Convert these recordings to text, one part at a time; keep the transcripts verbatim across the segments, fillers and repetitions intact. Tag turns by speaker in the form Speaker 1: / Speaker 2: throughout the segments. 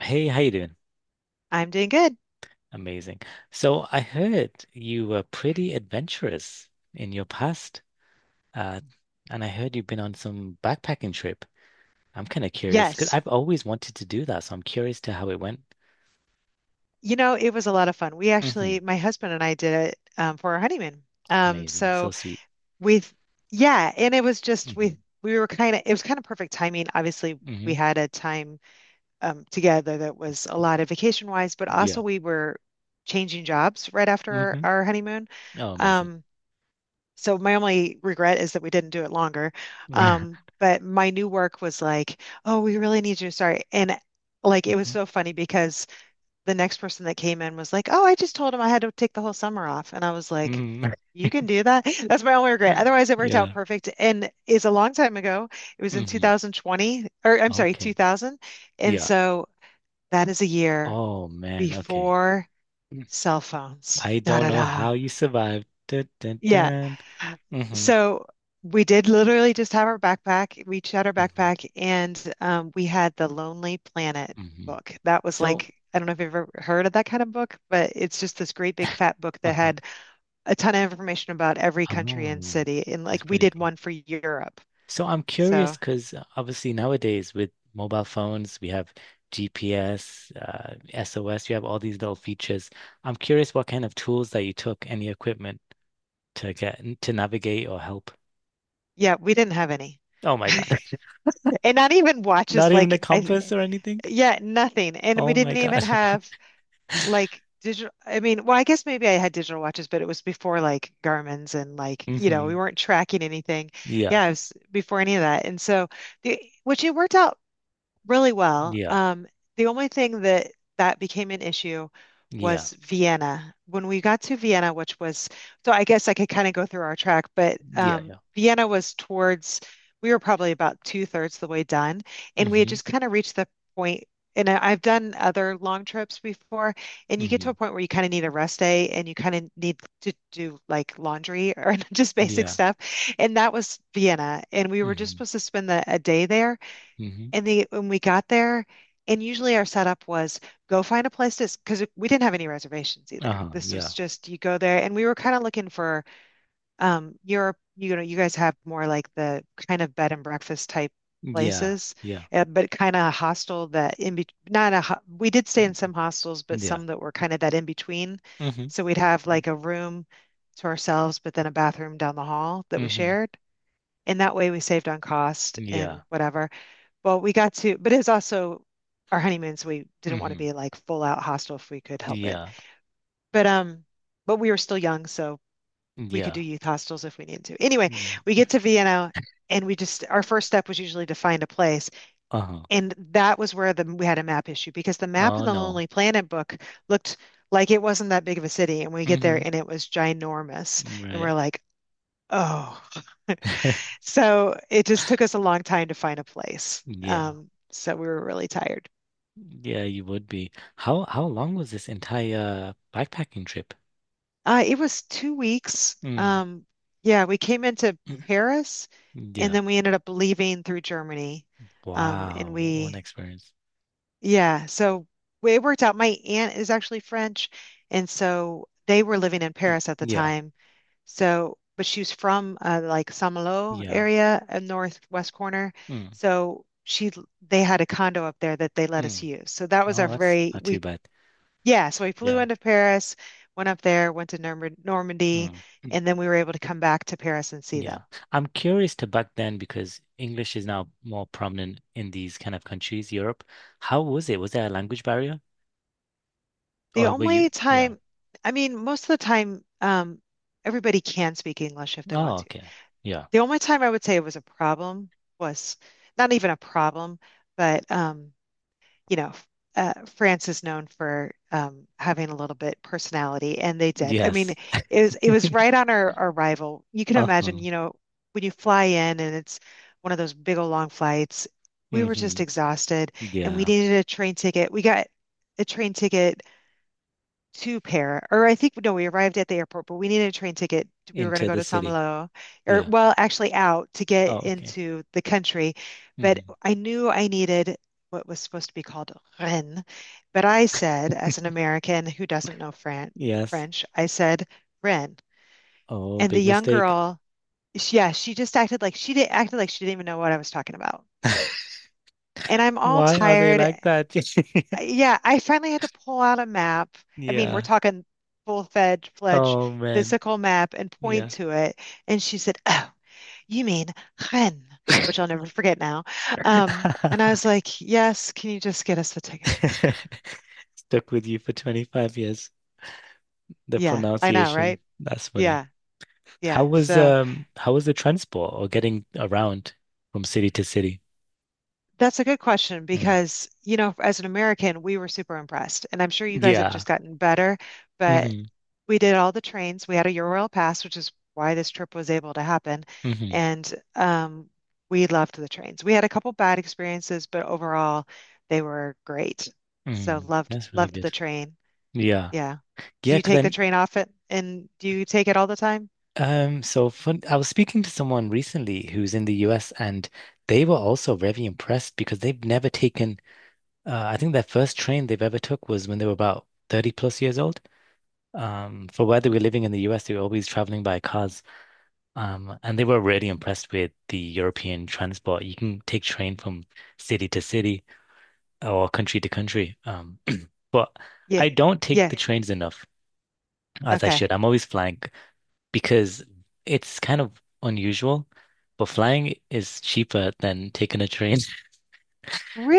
Speaker 1: Hey, how you doing?
Speaker 2: I'm doing good.
Speaker 1: Amazing. So I heard you were pretty adventurous in your past, uh, and I heard you've been on some backpacking trip. I'm kind of curious because
Speaker 2: Yes.
Speaker 1: I've always wanted to do that, so I'm curious to how it went.
Speaker 2: You know, it was a lot of fun. We
Speaker 1: Hmm.
Speaker 2: actually, my husband and I did it um, for our honeymoon. Um,
Speaker 1: Amazing. So
Speaker 2: so
Speaker 1: sweet.
Speaker 2: we, yeah, and it was just
Speaker 1: Hmm.
Speaker 2: we we were kind of it was kind of perfect timing. Obviously, we
Speaker 1: Hmm.
Speaker 2: had a time um, together that was a lot of vacation wise, but also
Speaker 1: Yeah.
Speaker 2: we were changing jobs right after our,
Speaker 1: Hmm.
Speaker 2: our honeymoon.
Speaker 1: Oh, amazing.
Speaker 2: Um, so my only regret is that we didn't do it longer.
Speaker 1: Right.
Speaker 2: Um, but my new work was like, oh, we really need you to start, and like it was
Speaker 1: Hmm.
Speaker 2: so funny because. the next person that came in was like, "Oh, I just told him I had to take the whole summer off." And I was like,
Speaker 1: Hmm.
Speaker 2: "You can do that?" That's my only regret. Otherwise, it worked out
Speaker 1: Yeah.
Speaker 2: perfect. And it's a long time ago. It was in
Speaker 1: Hmm.
Speaker 2: two thousand twenty, or I'm sorry,
Speaker 1: Okay.
Speaker 2: two thousand. And
Speaker 1: Yeah.
Speaker 2: so that is a year
Speaker 1: Oh man. Okay.
Speaker 2: before cell phones.
Speaker 1: I
Speaker 2: Da
Speaker 1: don't
Speaker 2: da
Speaker 1: know
Speaker 2: da.
Speaker 1: how you survived. Dun, dun,
Speaker 2: Yeah.
Speaker 1: dun. Hmm.
Speaker 2: So we did literally just have our backpack. We each had our backpack, and um, we had the Lonely Planet
Speaker 1: Hmm.
Speaker 2: book. That was
Speaker 1: So,
Speaker 2: like, I don't know if you've ever heard of that kind of book, but it's just this great big fat book that
Speaker 1: uh-huh.
Speaker 2: had a ton of information about every country and
Speaker 1: Oh,
Speaker 2: city. And
Speaker 1: that's
Speaker 2: like, we
Speaker 1: pretty
Speaker 2: did
Speaker 1: cool.
Speaker 2: one for Europe.
Speaker 1: So I'm
Speaker 2: So
Speaker 1: curious because obviously nowadays with mobile phones, we have G P S, uh, S O S, you have all these little features. I'm curious what kind of tools that you took, any equipment to get to navigate or help.
Speaker 2: yeah, we didn't have any.
Speaker 1: Oh my God.
Speaker 2: And not even
Speaker 1: Not
Speaker 2: watches,
Speaker 1: even a
Speaker 2: like,
Speaker 1: compass
Speaker 2: I,
Speaker 1: or anything?
Speaker 2: yeah, nothing. And we
Speaker 1: Oh my
Speaker 2: didn't even
Speaker 1: God.
Speaker 2: have like digital I mean, well, I guess maybe I had digital watches, but it was before like Garmin's and like, you know, we
Speaker 1: Hmm.
Speaker 2: weren't tracking anything.
Speaker 1: Yeah.
Speaker 2: Yeah, it was before any of that. And so the which it worked out really well.
Speaker 1: Yeah.
Speaker 2: Um, the only thing that that became an issue
Speaker 1: Yeah.
Speaker 2: was Vienna. When we got to Vienna, which was, so I guess I could kind of go through our track, but
Speaker 1: Yeah.
Speaker 2: um,
Speaker 1: Yeah.
Speaker 2: Vienna was towards, we were probably about two thirds the way done, and we had
Speaker 1: Hmm.
Speaker 2: just kind of reached the point. And I- I've done other long trips before, and you get
Speaker 1: Hmm.
Speaker 2: to a point where you kind of need a rest day and you kind of need to do like laundry or just basic
Speaker 1: Yeah.
Speaker 2: stuff. And that was Vienna. And we were just
Speaker 1: Hmm.
Speaker 2: supposed to spend the, a day there.
Speaker 1: Hmm.
Speaker 2: And they when we got there, and usually our setup was go find a place to because we didn't have any reservations either.
Speaker 1: Uh-huh.
Speaker 2: This was
Speaker 1: Yeah.
Speaker 2: just you go there, and we were kind of looking for um Europe. You know, you guys have more like the kind of bed and breakfast type
Speaker 1: Yeah.
Speaker 2: places,
Speaker 1: Yeah.
Speaker 2: uh, but kind of hostel that in between. Not a ho we did stay in some hostels, but
Speaker 1: Yeah.
Speaker 2: some that were kind of that in between.
Speaker 1: Mm-hmm.
Speaker 2: So we'd have like a room to ourselves, but then a bathroom down the hall that we
Speaker 1: Mm-hmm.
Speaker 2: shared. And that way we saved on cost
Speaker 1: Yeah.
Speaker 2: and whatever. Well, we got to, but it was also our honeymoon, so we didn't want to
Speaker 1: Mm-hmm.
Speaker 2: be like full out hostel if we could help it.
Speaker 1: Yeah.
Speaker 2: But um, but we were still young, so we could do
Speaker 1: Yeah.
Speaker 2: youth hostels if we needed to. Anyway,
Speaker 1: Yeah.
Speaker 2: we get to Vienna and we just our first step was usually to find a place.
Speaker 1: Uh-huh.
Speaker 2: And that was where the we had a map issue because the map
Speaker 1: Oh
Speaker 2: in the
Speaker 1: no.
Speaker 2: Lonely Planet book looked like it wasn't that big of a city. And we get there
Speaker 1: Mm-hmm.
Speaker 2: and it was ginormous. And we're
Speaker 1: Right.
Speaker 2: like, oh. So it just took us a long time to find a place.
Speaker 1: Yeah.
Speaker 2: Um, so we were really tired.
Speaker 1: Yeah, you would be. How how long was this entire backpacking trip?
Speaker 2: Uh, it was two weeks.
Speaker 1: Mm.
Speaker 2: Um, yeah, we came into Paris and
Speaker 1: Yeah.
Speaker 2: then we ended up leaving through Germany. Um, and
Speaker 1: Wow. What what an
Speaker 2: we,
Speaker 1: experience.
Speaker 2: yeah, so it worked out. My aunt is actually French. And so they were living in Paris at the
Speaker 1: Yeah.
Speaker 2: time. So, but she was from uh, like Saint-Malo
Speaker 1: Yeah.
Speaker 2: area, a northwest corner.
Speaker 1: Mm.
Speaker 2: So she, they had a condo up there that they let us
Speaker 1: Mm.
Speaker 2: use. So that was our
Speaker 1: Oh, that's
Speaker 2: very,
Speaker 1: not too
Speaker 2: we
Speaker 1: bad.
Speaker 2: yeah, so we flew
Speaker 1: Yeah.
Speaker 2: into Paris, went up there, went to Norm Normandy,
Speaker 1: Mm.
Speaker 2: and then we were able to come back to Paris and see them.
Speaker 1: Yeah. I'm curious to back then because English is now more prominent in these kind of countries, Europe. How was it? Was there a language barrier?
Speaker 2: The
Speaker 1: Or were you,
Speaker 2: only
Speaker 1: yeah.
Speaker 2: time, I mean, most of the time, um, everybody can speak English if they
Speaker 1: Oh,
Speaker 2: want to.
Speaker 1: okay. Yeah.
Speaker 2: The only time I would say it was a problem was not even a problem, but um, you know, uh, France is known for um, having a little bit personality, and they did. I mean,
Speaker 1: Yes.
Speaker 2: it was it was right on our our arrival. You can imagine,
Speaker 1: Uh-huh.
Speaker 2: you know, when you fly in and it's one of those big old long flights, we were just
Speaker 1: Hmm.
Speaker 2: exhausted, and we
Speaker 1: Yeah.
Speaker 2: needed a train ticket. We got a train ticket two pair, or I think no, we arrived at the airport, but we needed a train ticket. We were going to
Speaker 1: Into
Speaker 2: go
Speaker 1: the
Speaker 2: to
Speaker 1: city.
Speaker 2: Samalolo, or
Speaker 1: Yeah.
Speaker 2: well, actually out to get
Speaker 1: Oh, okay.
Speaker 2: into the country. But
Speaker 1: Hmm.
Speaker 2: I knew I needed what was supposed to be called Rennes. But I said, as an American who doesn't know Fran
Speaker 1: Yes.
Speaker 2: French, I said Rennes.
Speaker 1: Oh,
Speaker 2: And the
Speaker 1: big
Speaker 2: young
Speaker 1: mistake.
Speaker 2: girl, she, yeah, she just acted like she did acted like she didn't even know what I was talking about. And I'm all
Speaker 1: Why are they
Speaker 2: tired
Speaker 1: like that?
Speaker 2: yeah, I finally had to pull out a map. I mean, we're
Speaker 1: Yeah.
Speaker 2: talking full-fledged, fledged
Speaker 1: Oh, man.
Speaker 2: physical map and point
Speaker 1: Yeah.
Speaker 2: to it. And she said, "Oh, you mean Ren," which I'll never forget now. Um, and I was like, "Yes, can you just get us the tickets?"
Speaker 1: Stuck with you for 25 years. The
Speaker 2: Yeah, I know,
Speaker 1: pronunciation.
Speaker 2: right?
Speaker 1: That's funny.
Speaker 2: Yeah,
Speaker 1: How
Speaker 2: yeah.
Speaker 1: was
Speaker 2: So.
Speaker 1: um how was the transport or getting around from city to city?
Speaker 2: That's a good question
Speaker 1: Mm.
Speaker 2: because, you know, as an American, we were super impressed. And I'm sure you guys have
Speaker 1: Yeah.
Speaker 2: just gotten better, but
Speaker 1: Hmm.
Speaker 2: we did all the trains. We had a Eurail pass, which is why this trip was able to happen.
Speaker 1: Hmm.
Speaker 2: And um, we loved the trains. We had a couple bad experiences, but overall, they were great. So
Speaker 1: Hmm.
Speaker 2: loved
Speaker 1: That's really
Speaker 2: loved
Speaker 1: good.
Speaker 2: the train.
Speaker 1: Yeah.
Speaker 2: Yeah. Do
Speaker 1: Yeah,
Speaker 2: you
Speaker 1: 'cause
Speaker 2: take the
Speaker 1: then,
Speaker 2: train off it and do you take it all the time?
Speaker 1: um so fun, I was speaking to someone recently who's in the U S, and they were also very impressed because they've never taken, uh, I think their first train they've ever took was when they were about thirty plus years old. Um, for where they were living in the U S, they were always traveling by cars. Um, and they were really impressed with the European transport. You can take train from city to city or country to country. Um, but I
Speaker 2: Yeah.
Speaker 1: don't take
Speaker 2: Yeah.
Speaker 1: the trains enough as I
Speaker 2: Okay.
Speaker 1: should. I'm always flying because it's kind of unusual, but flying is cheaper than taking a train.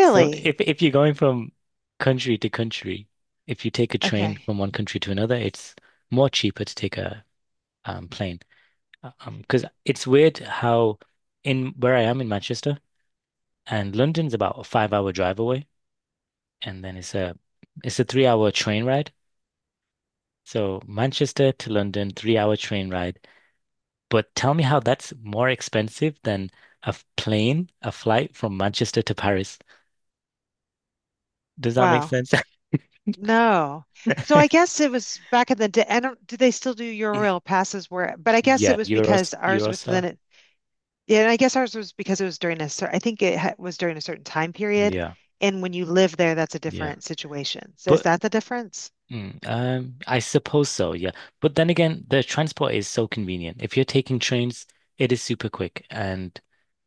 Speaker 1: So if if you're going from country to country, if you take a train
Speaker 2: Okay.
Speaker 1: from one country to another, it's more cheaper to take a um, plane. Uh, Um, because it's weird how in where I am in Manchester. And London's about a five hour drive away, and then it's a it's a three hour train ride. So Manchester to London, three hour train ride. But tell me how that's more expensive than a f- plane, a flight from Manchester to Paris. Does that make
Speaker 2: Wow.
Speaker 1: sense?
Speaker 2: No. So I guess it was back in the day. I don't, do they still do Eurail passes where, but I guess it
Speaker 1: Yeah,
Speaker 2: was
Speaker 1: Euros,
Speaker 2: because ours was
Speaker 1: Eurostar.
Speaker 2: then Yeah, and I guess ours was because it was during a cer I think it ha was during a certain time period.
Speaker 1: Yeah,
Speaker 2: And when you live there, that's a
Speaker 1: yeah.
Speaker 2: different situation. So is
Speaker 1: But
Speaker 2: that the difference?
Speaker 1: Mm, um, I suppose so, yeah. But then again, the transport is so convenient. If you're taking trains, it is super quick, and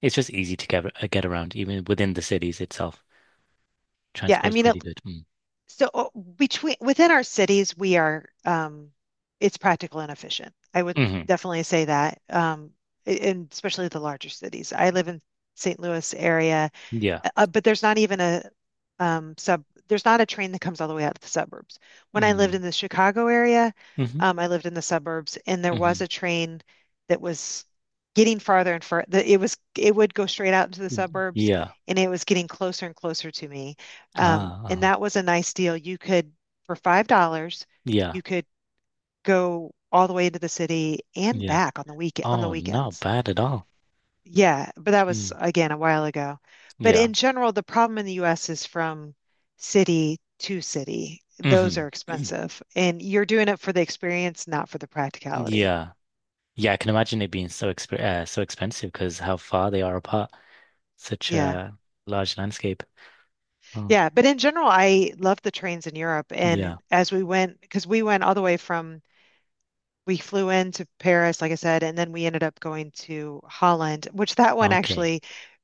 Speaker 1: it's just easy to get, uh, get around, even within the cities itself.
Speaker 2: Yeah, I
Speaker 1: Transport is
Speaker 2: mean,
Speaker 1: pretty
Speaker 2: it,
Speaker 1: good. Mm.
Speaker 2: so uh, between within our cities, we are um, it's practical and efficient. I would
Speaker 1: Hmm.
Speaker 2: definitely say that, um, a- and especially the larger cities. I live in Saint Louis area.
Speaker 1: Yeah.
Speaker 2: uh, but there's not even a um, sub, there's not a train that comes all the way out to the suburbs. When I lived
Speaker 1: Mm.
Speaker 2: in the Chicago area,
Speaker 1: Hmm.
Speaker 2: um, I lived in the suburbs, and there was
Speaker 1: Hmm.
Speaker 2: a train that was getting farther and farther. It was it would go straight out into the suburbs,
Speaker 1: Yeah.
Speaker 2: and it was getting closer and closer to me. Um,
Speaker 1: Ah,
Speaker 2: and
Speaker 1: uh-huh.
Speaker 2: that was a nice deal. You could for five dollars,
Speaker 1: Yeah.
Speaker 2: you could go all the way into the city and
Speaker 1: Yeah.
Speaker 2: back on the week on the
Speaker 1: Oh, not
Speaker 2: weekends.
Speaker 1: bad at all.
Speaker 2: Yeah, but that was
Speaker 1: Mm.
Speaker 2: again a while ago. But
Speaker 1: Yeah.
Speaker 2: in general, the problem in the U S is from city to city. Those
Speaker 1: Hmm.
Speaker 2: are expensive, and you're doing it for the experience, not for the practicality.
Speaker 1: Yeah. Yeah, I can imagine it being so exp uh, so expensive because how far they are apart. Such
Speaker 2: Yeah.
Speaker 1: a large landscape. Oh.
Speaker 2: Yeah, but in general, I love the trains in Europe.
Speaker 1: Yeah.
Speaker 2: And as we went, because we went all the way from we flew into Paris, like I said, and then we ended up going to Holland, which that one
Speaker 1: Okay.
Speaker 2: actually,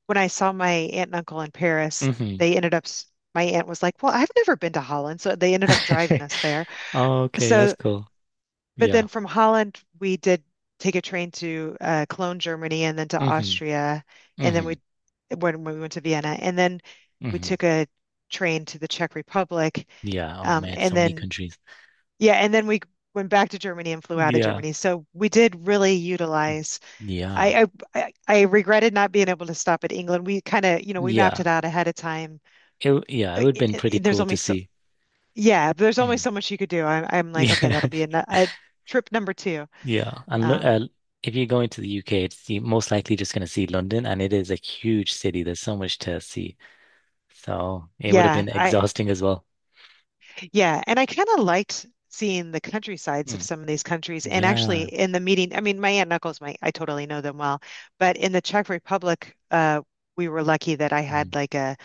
Speaker 2: when I saw my aunt and uncle in Paris,
Speaker 1: Mm-hmm.
Speaker 2: they ended up, s- my aunt was like, well, I've never been to Holland. So they ended up driving us there.
Speaker 1: Okay, that's
Speaker 2: So,
Speaker 1: cool.
Speaker 2: but
Speaker 1: Yeah.
Speaker 2: then from Holland, we did take a train to uh, Cologne, Germany, and then to
Speaker 1: Mm-hmm.
Speaker 2: Austria. And then
Speaker 1: Mm-hmm.
Speaker 2: we, when we went to Vienna, and then we
Speaker 1: Mm-hmm.
Speaker 2: took a train to the Czech Republic.
Speaker 1: Yeah. Oh
Speaker 2: Um,
Speaker 1: man, so
Speaker 2: and
Speaker 1: many
Speaker 2: then
Speaker 1: countries.
Speaker 2: yeah, and then we went back to Germany and flew out of
Speaker 1: Yeah.
Speaker 2: Germany. So we did really
Speaker 1: Mm.
Speaker 2: utilize.
Speaker 1: Yeah.
Speaker 2: I I, I I regretted not being able to stop at England. We kind of, you know, we mapped
Speaker 1: Yeah.
Speaker 2: it out ahead of time.
Speaker 1: It w- yeah, it
Speaker 2: Uh,
Speaker 1: would have
Speaker 2: i-
Speaker 1: been pretty
Speaker 2: i- There's
Speaker 1: cool to
Speaker 2: only so
Speaker 1: see.
Speaker 2: yeah, there's only
Speaker 1: Mm.
Speaker 2: so much you could do. I'm I'm like, okay, that'll be a,
Speaker 1: Yeah.
Speaker 2: nu- a trip number two.
Speaker 1: Yeah. And lo
Speaker 2: Um,
Speaker 1: uh, If you're going to the U K, it's you most likely just going to see London, and it is a huge city. There's so much to see. So it would have
Speaker 2: yeah,
Speaker 1: been
Speaker 2: I
Speaker 1: exhausting as well.
Speaker 2: yeah, and I kind of liked. Seeing the countrysides of
Speaker 1: Mm.
Speaker 2: some of these countries, and actually
Speaker 1: Yeah.
Speaker 2: in the meeting, I mean, my aunt and uncles, my I totally know them well, but in the Czech Republic, uh, we were lucky that I
Speaker 1: Mm.
Speaker 2: had like a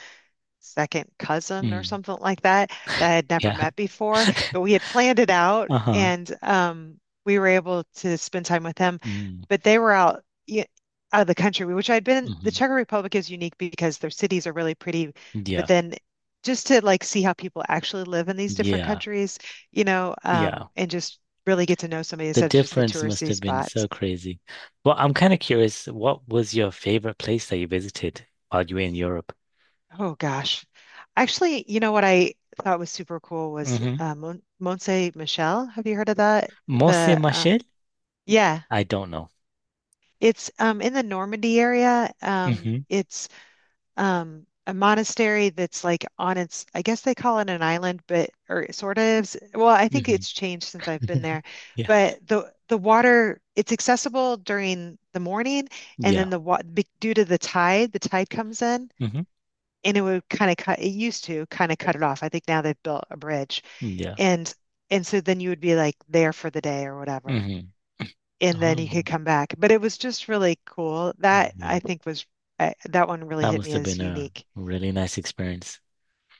Speaker 2: second cousin or
Speaker 1: Mm.
Speaker 2: something like that that I had never
Speaker 1: Yeah.
Speaker 2: met before. But we had planned it out
Speaker 1: Uh-huh.
Speaker 2: and um, we were able to spend time with them.
Speaker 1: Mm.
Speaker 2: But they were out, y- out of the country, which I'd been, the
Speaker 1: Mm-hmm.
Speaker 2: Czech Republic is unique because their cities are really pretty. But
Speaker 1: Yeah,
Speaker 2: then just to like see how people actually live in these different
Speaker 1: yeah,
Speaker 2: countries, you know,
Speaker 1: yeah.
Speaker 2: um, and just really get to know somebody
Speaker 1: The
Speaker 2: instead of just the
Speaker 1: difference must
Speaker 2: touristy
Speaker 1: have been
Speaker 2: spots.
Speaker 1: so crazy. Well, I'm kind of curious, what was your favorite place that you visited while you were in Europe?
Speaker 2: Oh gosh. Actually, you know what I thought was super cool was
Speaker 1: Mm-hmm.
Speaker 2: uh, Mon Mont Michel. Have you heard of that?
Speaker 1: Mont
Speaker 2: The uh,
Speaker 1: Michel?
Speaker 2: yeah,
Speaker 1: I don't know.
Speaker 2: it's um in the Normandy area. Um,
Speaker 1: Hmm.
Speaker 2: it's um a monastery that's like on its I guess they call it an island, but or it sort of. Well, I think
Speaker 1: Hmm.
Speaker 2: it's changed since I've been there.
Speaker 1: Yeah,
Speaker 2: But the the water it's accessible during the morning, and then
Speaker 1: yeah.
Speaker 2: the wa be- due to the tide, the tide comes in
Speaker 1: Hmm.
Speaker 2: and it would kind of cut it used to kind of cut it off. I think now they've built a bridge.
Speaker 1: Yeah.
Speaker 2: And and so then you would be like there for the day or whatever.
Speaker 1: Hmm.
Speaker 2: And then you could
Speaker 1: Oh,
Speaker 2: come back. But it was just really cool. That
Speaker 1: yeah.
Speaker 2: I think was uh, that one really
Speaker 1: That
Speaker 2: hit
Speaker 1: must
Speaker 2: me
Speaker 1: have
Speaker 2: as
Speaker 1: been a
Speaker 2: unique.
Speaker 1: really nice experience.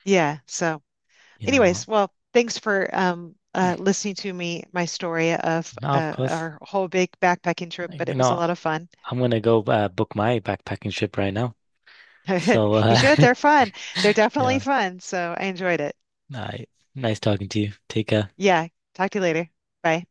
Speaker 2: Yeah. So
Speaker 1: You know
Speaker 2: anyways, well, thanks for um
Speaker 1: what?
Speaker 2: uh listening to me my story of
Speaker 1: No, of
Speaker 2: uh,
Speaker 1: course.
Speaker 2: our whole big backpacking trip, but
Speaker 1: You
Speaker 2: it was a
Speaker 1: know,
Speaker 2: lot of fun.
Speaker 1: I'm gonna go uh, book my backpacking trip right now. So,
Speaker 2: You
Speaker 1: uh,
Speaker 2: should. They're fun. They're definitely
Speaker 1: yeah.
Speaker 2: fun. So I enjoyed it.
Speaker 1: All right. Nice talking to you. Take care.
Speaker 2: Yeah. Talk to you later. Bye.